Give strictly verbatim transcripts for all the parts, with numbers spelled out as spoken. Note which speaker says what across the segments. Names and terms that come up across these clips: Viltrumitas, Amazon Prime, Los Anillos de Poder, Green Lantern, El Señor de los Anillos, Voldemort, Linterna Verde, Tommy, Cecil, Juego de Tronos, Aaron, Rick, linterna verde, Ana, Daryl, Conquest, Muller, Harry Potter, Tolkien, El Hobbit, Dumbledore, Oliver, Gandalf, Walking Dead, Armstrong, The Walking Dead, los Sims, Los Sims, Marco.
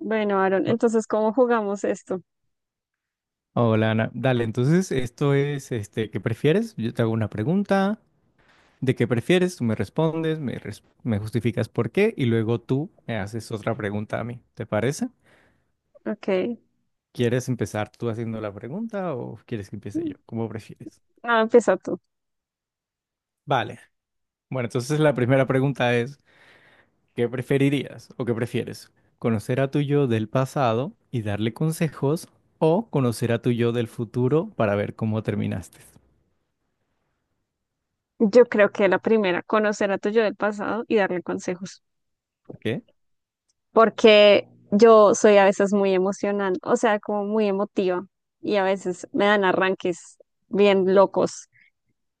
Speaker 1: Bueno, Aaron,
Speaker 2: Bu-
Speaker 1: entonces, ¿cómo jugamos esto?
Speaker 2: Hola Ana, dale, entonces esto es, este, ¿qué prefieres? Yo te hago una pregunta, ¿de qué prefieres? Tú me respondes, me, res- me justificas por qué y luego tú me haces otra pregunta a mí, ¿te parece?
Speaker 1: Ok.
Speaker 2: ¿Quieres empezar tú haciendo la pregunta o quieres que empiece yo? ¿Cómo prefieres?
Speaker 1: Ah, empieza tú.
Speaker 2: Vale, bueno, entonces la primera pregunta es, ¿qué preferirías o qué prefieres? ¿Conocer a tu yo del pasado y darle consejos o conocer a tu yo del futuro para ver cómo terminaste?
Speaker 1: Yo creo que la primera, conocer a tu yo del pasado y darle consejos.
Speaker 2: ¿Qué?
Speaker 1: Porque yo soy a veces muy emocional, o sea, como muy emotiva. Y a veces me dan arranques bien locos.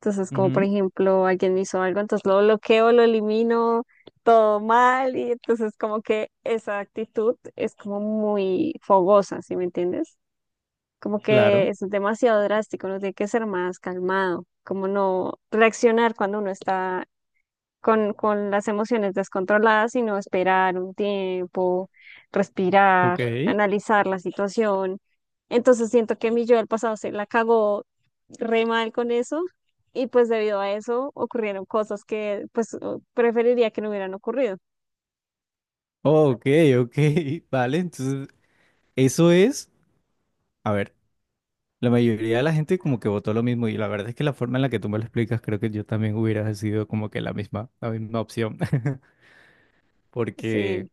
Speaker 1: Entonces, como por
Speaker 2: Ujú.
Speaker 1: ejemplo, alguien me hizo algo, entonces lo bloqueo, lo elimino, todo mal. Y entonces, como que esa actitud es como muy fogosa, ¿sí me entiendes? Como que
Speaker 2: Claro.
Speaker 1: es demasiado drástico, uno tiene que ser más calmado, como no reaccionar cuando uno está con, con las emociones descontroladas, sino esperar un tiempo,
Speaker 2: Ok,
Speaker 1: respirar, analizar la situación. Entonces siento que mi yo del pasado se la cagó re mal con eso y pues debido a eso ocurrieron cosas que pues preferiría que no hubieran ocurrido.
Speaker 2: ok, ok, vale, entonces eso es, a ver, la mayoría de la gente como que votó lo mismo y la verdad es que la forma en la que tú me lo explicas creo que yo también hubiera decidido como que la misma, la misma opción. Porque,
Speaker 1: Sí,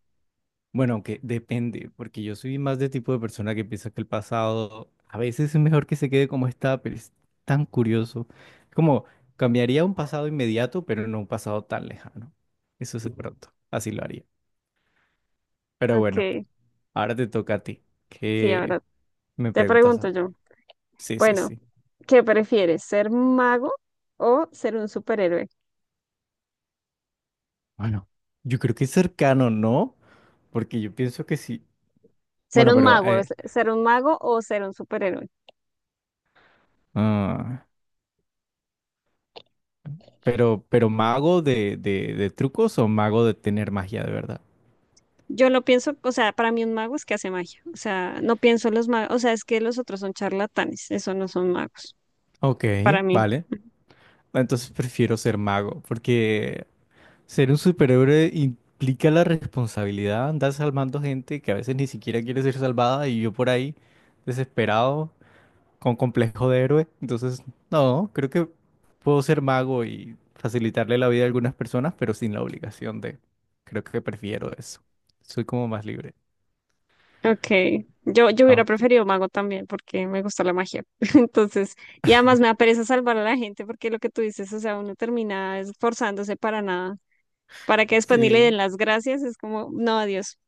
Speaker 2: bueno, aunque depende, porque yo soy más de tipo de persona que piensa que el pasado a veces es mejor que se quede como está, pero es tan curioso, como cambiaría un pasado inmediato, pero no un pasado tan lejano, eso es de pronto, así lo haría, pero bueno,
Speaker 1: ok,
Speaker 2: ahora te toca a ti.
Speaker 1: sí,
Speaker 2: ¿Qué,
Speaker 1: ahora
Speaker 2: Me
Speaker 1: te
Speaker 2: preguntas a
Speaker 1: pregunto
Speaker 2: mí.
Speaker 1: yo.
Speaker 2: Sí, sí,
Speaker 1: Bueno,
Speaker 2: sí.
Speaker 1: ¿qué prefieres? ¿Ser mago o ser un superhéroe?
Speaker 2: Bueno, yo creo que es cercano, ¿no? Porque yo pienso que sí.
Speaker 1: Ser
Speaker 2: Bueno,
Speaker 1: un
Speaker 2: pero,
Speaker 1: mago,
Speaker 2: eh,
Speaker 1: es- ser un mago o ser un superhéroe.
Speaker 2: ah, pero, pero mago de, de, de trucos o mago de tener magia de verdad.
Speaker 1: Yo lo pienso, o sea, para mí un mago es que hace magia. O sea, no pienso en los magos, o sea, es que los otros son charlatanes, eso no son magos,
Speaker 2: Ok,
Speaker 1: para mí.
Speaker 2: vale. Entonces prefiero ser mago, porque ser un superhéroe implica la responsabilidad, andar salvando gente que a veces ni siquiera quiere ser salvada y yo por ahí desesperado con complejo de héroe. Entonces, no, creo que puedo ser mago y facilitarle la vida a algunas personas, pero sin la obligación de. Creo que prefiero eso. Soy como más libre.
Speaker 1: Ok, yo, yo hubiera
Speaker 2: Aunque
Speaker 1: preferido mago también porque me gusta la magia. Entonces, y además me da pereza salvar a la gente porque lo que tú dices, o sea, uno termina esforzándose para nada, para que después ni le den
Speaker 2: sí,
Speaker 1: las gracias, es como, no, adiós.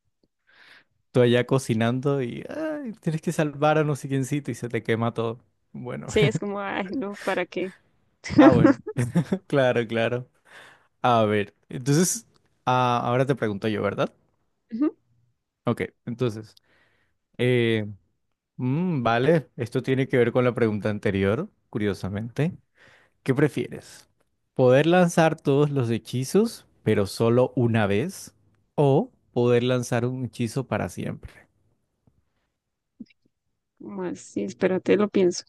Speaker 2: tú allá cocinando y ay, tienes que salvar a no sé quiéncito y se te quema todo. Bueno,
Speaker 1: Sí, es como, ay, no, ¿para qué?
Speaker 2: ah, bueno, claro, claro. A ver, entonces, ah, ahora te pregunto yo, ¿verdad?
Speaker 1: Ujú.
Speaker 2: Ok, entonces, eh, mm, vale, esto tiene que ver con la pregunta anterior, curiosamente. ¿Qué prefieres? ¿Poder lanzar todos los hechizos, pero solo una vez? ¿O poder lanzar un hechizo para siempre,
Speaker 1: Más, sí, espérate, lo pienso.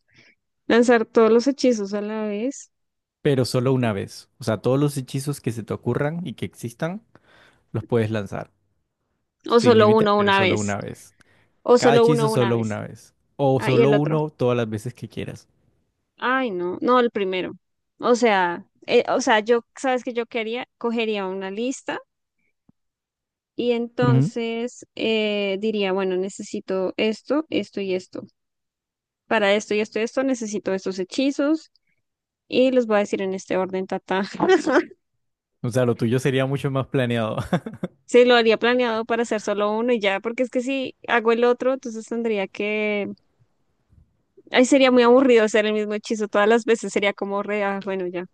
Speaker 1: Lanzar todos los hechizos a la vez.
Speaker 2: pero solo una vez? O sea, todos los hechizos que se te ocurran y que existan, los puedes lanzar.
Speaker 1: O
Speaker 2: Sin
Speaker 1: solo
Speaker 2: límite,
Speaker 1: uno
Speaker 2: pero
Speaker 1: una
Speaker 2: solo una
Speaker 1: vez.
Speaker 2: vez.
Speaker 1: O
Speaker 2: Cada
Speaker 1: solo
Speaker 2: hechizo
Speaker 1: uno una
Speaker 2: solo
Speaker 1: vez.
Speaker 2: una vez. O
Speaker 1: Ah, y
Speaker 2: solo
Speaker 1: el otro.
Speaker 2: uno todas las veces que quieras.
Speaker 1: Ay, no. No, el primero. O sea, eh, o sea, yo, ¿sabes qué yo quería? Cogería una lista y
Speaker 2: Ujú.
Speaker 1: entonces eh, diría, bueno, necesito esto, esto y esto. Para esto y esto y esto necesito estos hechizos y los voy a decir en este orden, tata.
Speaker 2: O sea, lo tuyo sería mucho más planeado.
Speaker 1: Sí, lo haría planeado para hacer solo uno y ya, porque es que si hago el otro, entonces tendría que. Ay, sería muy aburrido hacer el mismo hechizo todas las veces, sería como re, ah, bueno, ya.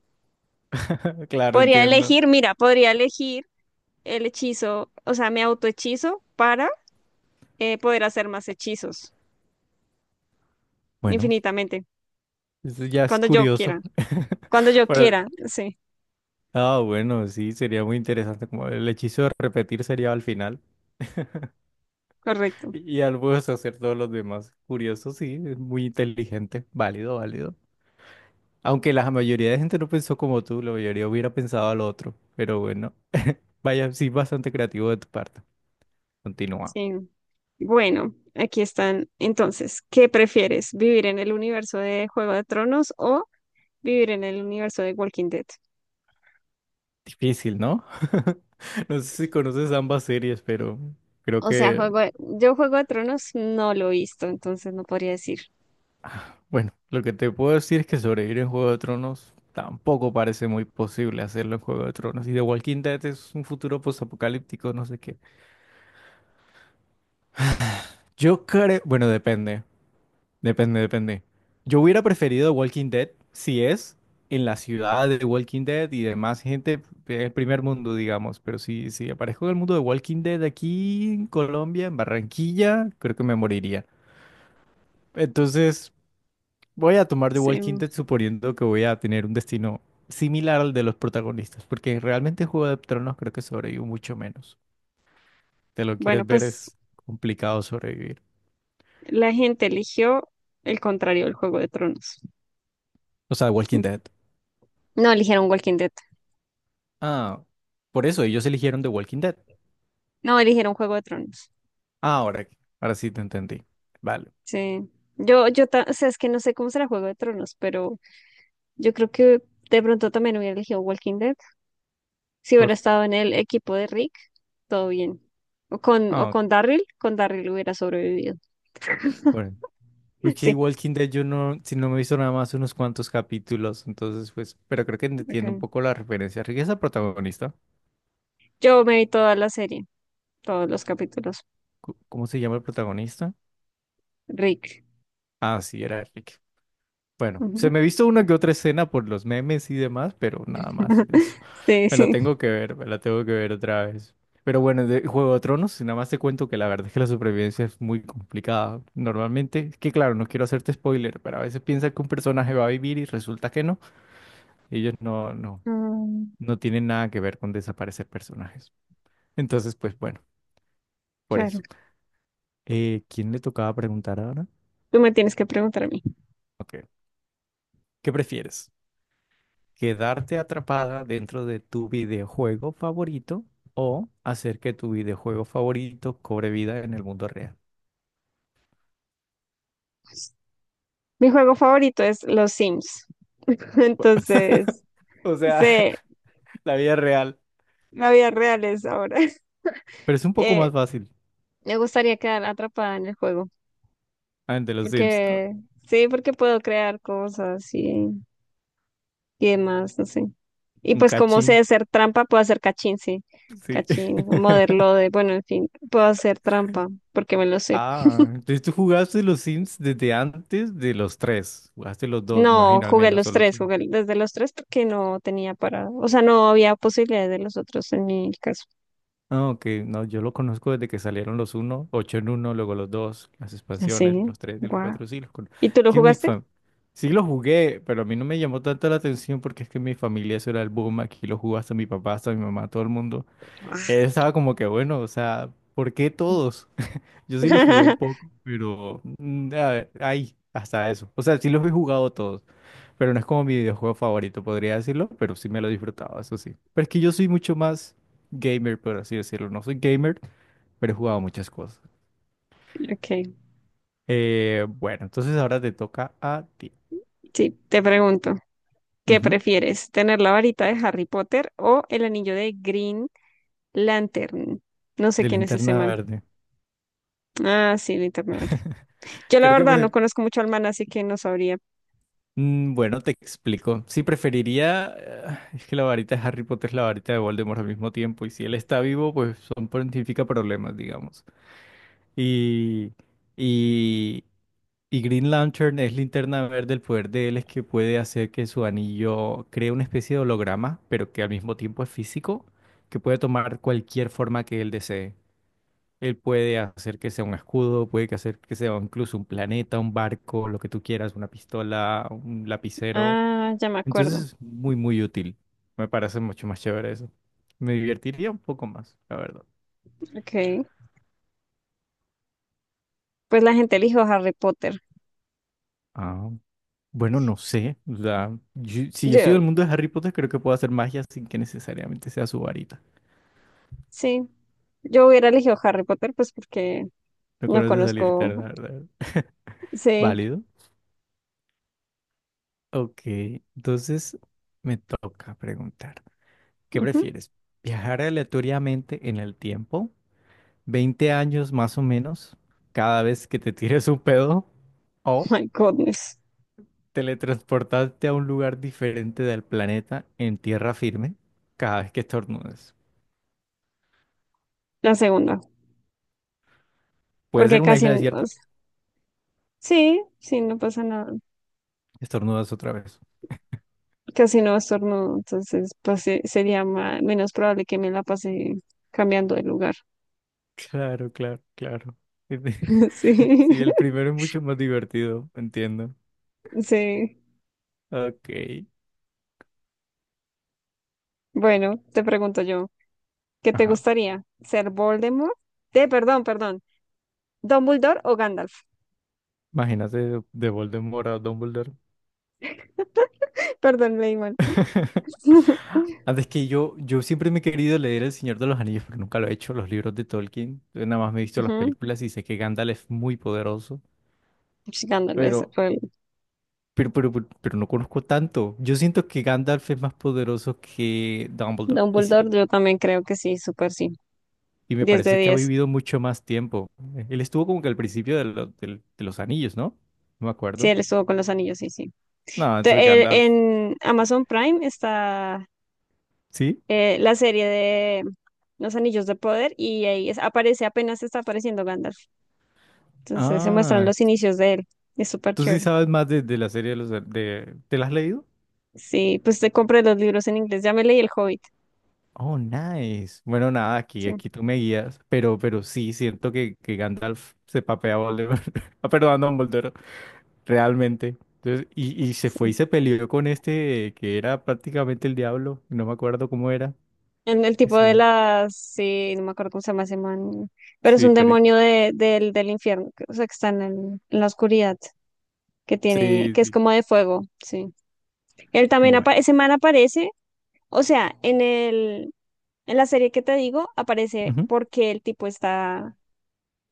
Speaker 2: Claro,
Speaker 1: Podría
Speaker 2: entiendo.
Speaker 1: elegir, mira, podría elegir el hechizo, o sea, me autohechizo para eh, poder hacer más hechizos
Speaker 2: Bueno,
Speaker 1: infinitamente,
Speaker 2: eso ya es
Speaker 1: cuando yo
Speaker 2: curioso.
Speaker 1: quiera, cuando yo
Speaker 2: Pero
Speaker 1: quiera, sí,
Speaker 2: Ah, bueno, sí, sería muy interesante. Como el hechizo de repetir sería al final
Speaker 1: correcto,
Speaker 2: y al puedes hacer todos los demás. Curioso, sí, es muy inteligente, válido, válido. Aunque la mayoría de gente no pensó como tú, la mayoría hubiera pensado al otro. Pero bueno, vaya, sí, bastante creativo de tu parte. Continúa.
Speaker 1: sí. Bueno, aquí están. Entonces, ¿qué prefieres? ¿Vivir en el universo de Juego de Tronos o vivir en el universo de Walking Dead?
Speaker 2: Difícil, ¿no? No sé si conoces ambas series, pero creo
Speaker 1: O sea,
Speaker 2: que
Speaker 1: juego de- yo Juego de Tronos no lo he visto, entonces no podría decir.
Speaker 2: bueno, lo que te puedo decir es que sobrevivir en Juego de Tronos tampoco parece muy posible hacerlo en Juego de Tronos. Y The Walking Dead es un futuro postapocalíptico, no sé qué. Yo creo, bueno, depende, depende, depende. Yo hubiera preferido The Walking Dead si es en la ciudad de The Walking Dead y demás gente del primer mundo, digamos. Pero si, si aparezco en el mundo de Walking Dead aquí en Colombia, en Barranquilla, creo que me moriría. Entonces. Voy a tomar The
Speaker 1: Sí.
Speaker 2: Walking Dead suponiendo que voy a tener un destino similar al de los protagonistas, porque realmente Juego de Tronos creo que sobrevivo mucho menos. Te lo
Speaker 1: Bueno,
Speaker 2: quieres ver,
Speaker 1: pues
Speaker 2: es complicado sobrevivir.
Speaker 1: la gente eligió el contrario del Juego de Tronos.
Speaker 2: O sea, The Walking Dead.
Speaker 1: No eligieron Walking Dead.
Speaker 2: Ah, por eso ellos eligieron The Walking Dead.
Speaker 1: No eligieron Juego de Tronos.
Speaker 2: Ah, ahora, ahora sí te entendí. Vale.
Speaker 1: Sí. Yo, yo, ta-, o sea, es que no sé cómo será Juego de Tronos, pero yo creo que de pronto también hubiera elegido Walking Dead. Si
Speaker 2: Por,
Speaker 1: hubiera estado en el equipo de Rick, todo bien. O con,
Speaker 2: ah,
Speaker 1: o
Speaker 2: ok,
Speaker 1: con Daryl, con Daryl hubiera sobrevivido.
Speaker 2: bueno. Wiki
Speaker 1: Sí.
Speaker 2: Walking Dead yo no, si no me he visto nada más unos cuantos capítulos, entonces pues, pero creo que entiendo un
Speaker 1: Ok.
Speaker 2: poco la referencia. Rick es el protagonista.
Speaker 1: Yo me vi toda la serie, todos los capítulos.
Speaker 2: Cu- ¿Cómo se llama el protagonista?
Speaker 1: Rick.
Speaker 2: Ah, sí, era Rick. Bueno, se
Speaker 1: Ujú.
Speaker 2: me ha visto una que otra escena por los memes y demás, pero nada más eso.
Speaker 1: Sí,
Speaker 2: Me la
Speaker 1: sí.
Speaker 2: tengo que ver, me la tengo que ver otra vez. Pero bueno, de Juego de Tronos, si nada más te cuento que la verdad es que la supervivencia es muy complicada. Normalmente, es que claro, no quiero hacerte spoiler, pero a veces piensas que un personaje va a vivir y resulta que no. Ellos no, no,
Speaker 1: Mm,
Speaker 2: no tienen nada que ver con desaparecer personajes. Entonces, pues bueno, por
Speaker 1: claro.
Speaker 2: eso. Eh, ¿quién le tocaba preguntar ahora?
Speaker 1: Tú me tienes que preguntar a mí.
Speaker 2: Ok, ¿qué prefieres? Quedarte atrapada dentro de tu videojuego favorito o hacer que tu videojuego favorito cobre vida en el mundo real.
Speaker 1: Mi juego favorito es Los Sims. Entonces,
Speaker 2: O sea,
Speaker 1: sé,
Speaker 2: la vida real.
Speaker 1: la vida real es ahora.
Speaker 2: Pero es un poco más
Speaker 1: Eh,
Speaker 2: fácil.
Speaker 1: me gustaría quedar atrapada en el juego.
Speaker 2: Ah, de los Sims.
Speaker 1: Porque, sí, porque puedo crear cosas y, y demás, no sé. Y
Speaker 2: Un
Speaker 1: pues como sé
Speaker 2: cachín.
Speaker 1: hacer trampa, puedo hacer cachín, sí.
Speaker 2: Sí.
Speaker 1: Cachín, modelo de, bueno, en fin, puedo hacer trampa porque me lo sé.
Speaker 2: Ah, entonces tú jugaste los Sims desde antes de los tres. Jugaste los dos, me
Speaker 1: No,
Speaker 2: imagino, al
Speaker 1: jugué
Speaker 2: menos,
Speaker 1: los
Speaker 2: o los
Speaker 1: tres, jugué desde los tres porque no tenía para, o sea, no había posibilidades de los otros en mi caso.
Speaker 2: Ah, ok, no, yo lo conozco desde que salieron los uno, ocho en uno, luego los dos, las expansiones,
Speaker 1: Sí,
Speaker 2: los tres, y los
Speaker 1: guau.
Speaker 2: cuatro sí, los conozco.
Speaker 1: ¿Y tú lo
Speaker 2: Es que en mi
Speaker 1: jugaste?
Speaker 2: fam- Sí, los jugué, pero a mí no me llamó tanto la atención porque es que en mi familia eso era el boom, aquí lo jugó hasta mi papá, hasta mi mamá, todo el mundo. Estaba como que bueno, o sea, ¿por qué todos? Yo sí lo jugué un poco, pero mm, a ver, ahí, hasta eso. O sea, sí los he jugado todos, pero no es como mi videojuego favorito, podría decirlo, pero sí me lo disfrutaba, eso sí. Pero es que yo soy mucho más gamer, por así decirlo. No soy gamer, pero he jugado muchas cosas.
Speaker 1: Ok,
Speaker 2: Eh, bueno, entonces ahora te toca a ti.
Speaker 1: sí, te pregunto, ¿qué
Speaker 2: Ujú.
Speaker 1: prefieres? ¿Tener la varita de Harry Potter o el anillo de Green Lantern? No sé
Speaker 2: De
Speaker 1: quién es ese
Speaker 2: linterna
Speaker 1: man.
Speaker 2: verde.
Speaker 1: Ah, sí, Linterna Verde. Yo la
Speaker 2: Creo que
Speaker 1: verdad no
Speaker 2: pre-
Speaker 1: conozco mucho al man, así que no sabría.
Speaker 2: Mm, Bueno, te explico. Sí, preferiría. eh, Es que la varita de Harry Potter es la varita de Voldemort al mismo tiempo. Y si él está vivo, pues son pontifica problemas, digamos. Y, y, y Green Lantern es linterna verde. El poder de él es que puede hacer que su anillo cree una especie de holograma, pero que al mismo tiempo es físico, que puede tomar cualquier forma que él desee. Él puede hacer que sea un escudo, puede que hacer que sea incluso un planeta, un barco, lo que tú quieras, una pistola, un lapicero.
Speaker 1: Ah, ya me
Speaker 2: Entonces
Speaker 1: acuerdo.
Speaker 2: es muy, muy útil. Me parece mucho más chévere eso. Me divertiría un poco más, la verdad.
Speaker 1: Ok, pues la gente eligió Harry Potter.
Speaker 2: Ah, bueno, no sé. O sea, yo, si yo sigo
Speaker 1: Yo,
Speaker 2: el mundo de Harry Potter, creo que puedo hacer magia sin que necesariamente sea su varita.
Speaker 1: sí, yo hubiera elegido Harry Potter, pues porque
Speaker 2: No
Speaker 1: no
Speaker 2: conoces esa varita,
Speaker 1: conozco.
Speaker 2: la verdad.
Speaker 1: Sí,
Speaker 2: Válido. Ok, entonces me toca preguntar, ¿qué
Speaker 1: ujú.
Speaker 2: prefieres? ¿Viajar aleatoriamente en el tiempo veinte años más o menos cada vez que te tires un pedo? ¿O
Speaker 1: My goodness.
Speaker 2: teletransportarte a un lugar diferente del planeta en tierra firme cada vez que estornudas?
Speaker 1: La segunda.
Speaker 2: Puede ser
Speaker 1: Porque
Speaker 2: una
Speaker 1: casi,
Speaker 2: isla
Speaker 1: n- o
Speaker 2: desierta.
Speaker 1: sea, sí, sí, no pasa nada.
Speaker 2: Estornudas otra vez.
Speaker 1: Casi no estornudo, entonces pues, se- sería ma- menos probable que me la pase cambiando de lugar.
Speaker 2: Claro, claro, claro.
Speaker 1: Sí,
Speaker 2: Sí, el primero es mucho más divertido, entiendo.
Speaker 1: sí.
Speaker 2: Ok.
Speaker 1: Bueno, te pregunto yo, ¿qué te
Speaker 2: Ajá.
Speaker 1: gustaría? ¿Ser Voldemort? Eh, perdón, perdón. ¿Dumbledore o Gandalf?
Speaker 2: Imagínate de, Voldemort a Dumbledore.
Speaker 1: Perdón, leí mal.
Speaker 2: Antes que yo, yo siempre me he querido leer El Señor de los Anillos, pero nunca lo he hecho, los libros de Tolkien. Yo nada más me he visto las
Speaker 1: Ujú,
Speaker 2: películas y sé que Gandalf es muy poderoso,
Speaker 1: sí, Gandalf es
Speaker 2: pero
Speaker 1: el-
Speaker 2: Pero, pero, pero, pero no conozco tanto. Yo siento que Gandalf es más poderoso que Dumbledore. Y sí,
Speaker 1: Dumbledore, yo también creo que sí, súper sí.
Speaker 2: y me
Speaker 1: diez de
Speaker 2: parece que ha
Speaker 1: diez
Speaker 2: vivido mucho más tiempo. Eh, Él estuvo como que al principio de, lo- del- de los anillos, ¿no? No me
Speaker 1: Sí,
Speaker 2: acuerdo.
Speaker 1: él estuvo con los anillos, sí, sí.
Speaker 2: No, entonces
Speaker 1: Te- el-
Speaker 2: Gandalf.
Speaker 1: en Amazon Prime está
Speaker 2: ¿Sí?
Speaker 1: eh, la serie de Los Anillos de Poder y ahí es- aparece, apenas está apareciendo Gandalf. Entonces se muestran
Speaker 2: Ah,
Speaker 1: los inicios de él. Es súper
Speaker 2: tú sí
Speaker 1: chévere.
Speaker 2: sabes más de, de la serie de los an- de, ¿te la has leído?
Speaker 1: Sí, pues te compré los libros en inglés. Ya me leí El Hobbit.
Speaker 2: Oh, nice. Bueno, nada, aquí,
Speaker 1: Sí,
Speaker 2: aquí tú me guías. Pero, pero sí, siento que, que Gandalf se papea a Voldemort. Ah, perdón, a Dumbledore. Realmente. Entonces, y, y se fue y
Speaker 1: sí.
Speaker 2: se peleó con este que era prácticamente el diablo, no me acuerdo cómo era,
Speaker 1: En el
Speaker 2: qué
Speaker 1: tipo
Speaker 2: sé
Speaker 1: de
Speaker 2: yo.
Speaker 1: las, sí, no me acuerdo cómo se llama ese man, pero es
Speaker 2: Sí,
Speaker 1: un
Speaker 2: pero
Speaker 1: demonio de, del, del infierno, que- o sea, que está en, el- en la oscuridad, que tiene,
Speaker 2: sí,
Speaker 1: que es
Speaker 2: sí.
Speaker 1: como de fuego, sí. Él también,
Speaker 2: Bueno.
Speaker 1: apa- ese man aparece, o sea, en el, en la serie que te digo, aparece
Speaker 2: Ujú.
Speaker 1: porque el tipo está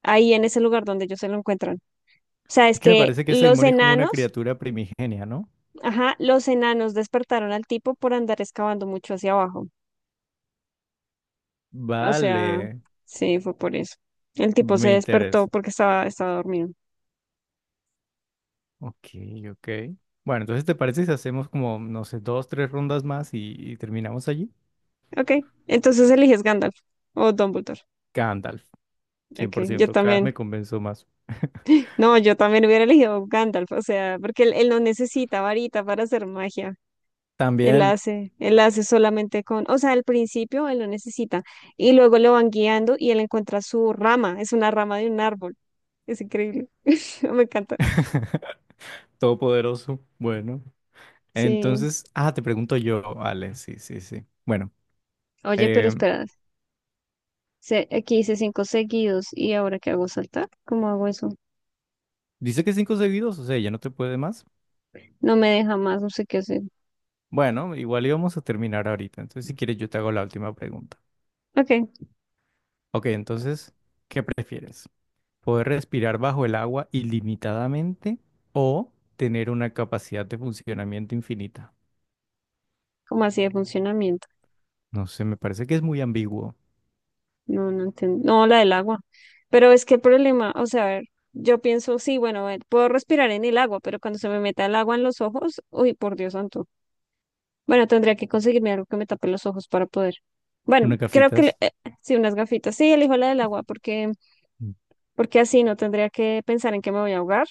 Speaker 1: ahí en ese lugar donde ellos se lo encuentran. O sea,
Speaker 2: Es
Speaker 1: es
Speaker 2: que me
Speaker 1: que
Speaker 2: parece que ese
Speaker 1: los
Speaker 2: demonio es como una
Speaker 1: enanos,
Speaker 2: criatura primigenia, ¿no?
Speaker 1: ajá, los enanos despertaron al tipo por andar excavando mucho hacia abajo. O sea,
Speaker 2: Vale,
Speaker 1: sí, fue por eso. El tipo se
Speaker 2: me
Speaker 1: despertó
Speaker 2: interesa.
Speaker 1: porque estaba, estaba dormido.
Speaker 2: Ok, ok. Bueno, entonces ¿te parece si hacemos como, no sé, dos, tres rondas más y, y terminamos allí?
Speaker 1: Ok, entonces eliges Gandalf o Dumbledore.
Speaker 2: Gandalf, cien
Speaker 1: Ok,
Speaker 2: por
Speaker 1: yo
Speaker 2: ciento cada vez
Speaker 1: también.
Speaker 2: me convenzo más.
Speaker 1: No, yo también hubiera elegido Gandalf, o sea, porque él, él no necesita varita para hacer magia. Él
Speaker 2: También,
Speaker 1: hace, él hace solamente con, o sea, al principio él lo necesita y luego lo van guiando y él encuentra su rama, es una rama de un árbol. Es increíble. Me encanta.
Speaker 2: todopoderoso, bueno.
Speaker 1: Sí.
Speaker 2: Entonces, ah, te pregunto yo, vale, sí, sí, sí. Bueno,
Speaker 1: Oye, pero
Speaker 2: eh,
Speaker 1: espera, se- aquí hice cinco seguidos y ahora qué hago saltar. ¿Cómo hago eso?
Speaker 2: dice que cinco seguidos, o sea, ya no te puede más.
Speaker 1: No me deja más, no sé qué hacer.
Speaker 2: Bueno, igual íbamos a terminar ahorita, entonces si quieres yo te hago la última pregunta.
Speaker 1: Ok,
Speaker 2: Ok, entonces, ¿qué prefieres? ¿Poder respirar bajo el agua ilimitadamente o tener una capacidad de funcionamiento infinita?
Speaker 1: ¿cómo así de funcionamiento?
Speaker 2: No sé, me parece que es muy ambiguo.
Speaker 1: No, no entiendo. No, la del agua. Pero es que el problema, o sea, a ver, yo pienso, sí, bueno, a ver, puedo respirar en el agua, pero cuando se me meta el agua en los ojos, uy, por Dios santo. Bueno, tendría que conseguirme algo que me tape los ojos para poder. Bueno,
Speaker 2: Una
Speaker 1: creo que
Speaker 2: cafitas.
Speaker 1: le- eh, sí, unas gafitas. Sí, elijo la del agua porque,
Speaker 2: Mm.
Speaker 1: porque así no tendría que pensar en que me voy a ahogar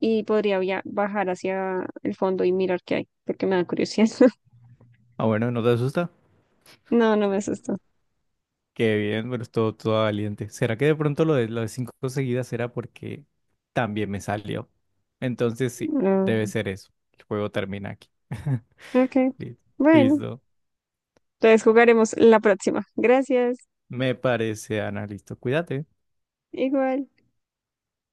Speaker 1: y podría via- bajar hacia el fondo y mirar qué hay, porque me da curiosidad.
Speaker 2: Ah, bueno, ¿no te asusta?
Speaker 1: No, no me asustó.
Speaker 2: Qué bien, pero estuvo todo valiente. ¿Será que de pronto lo de, lo de cinco seguidas era porque también me salió? Entonces sí,
Speaker 1: No.
Speaker 2: debe ser eso. El juego termina aquí.
Speaker 1: Ok.
Speaker 2: Li-
Speaker 1: Bueno,
Speaker 2: Listo.
Speaker 1: entonces jugaremos la próxima. Gracias.
Speaker 2: Me parece, Ana. Listo. Cuídate.
Speaker 1: Igual.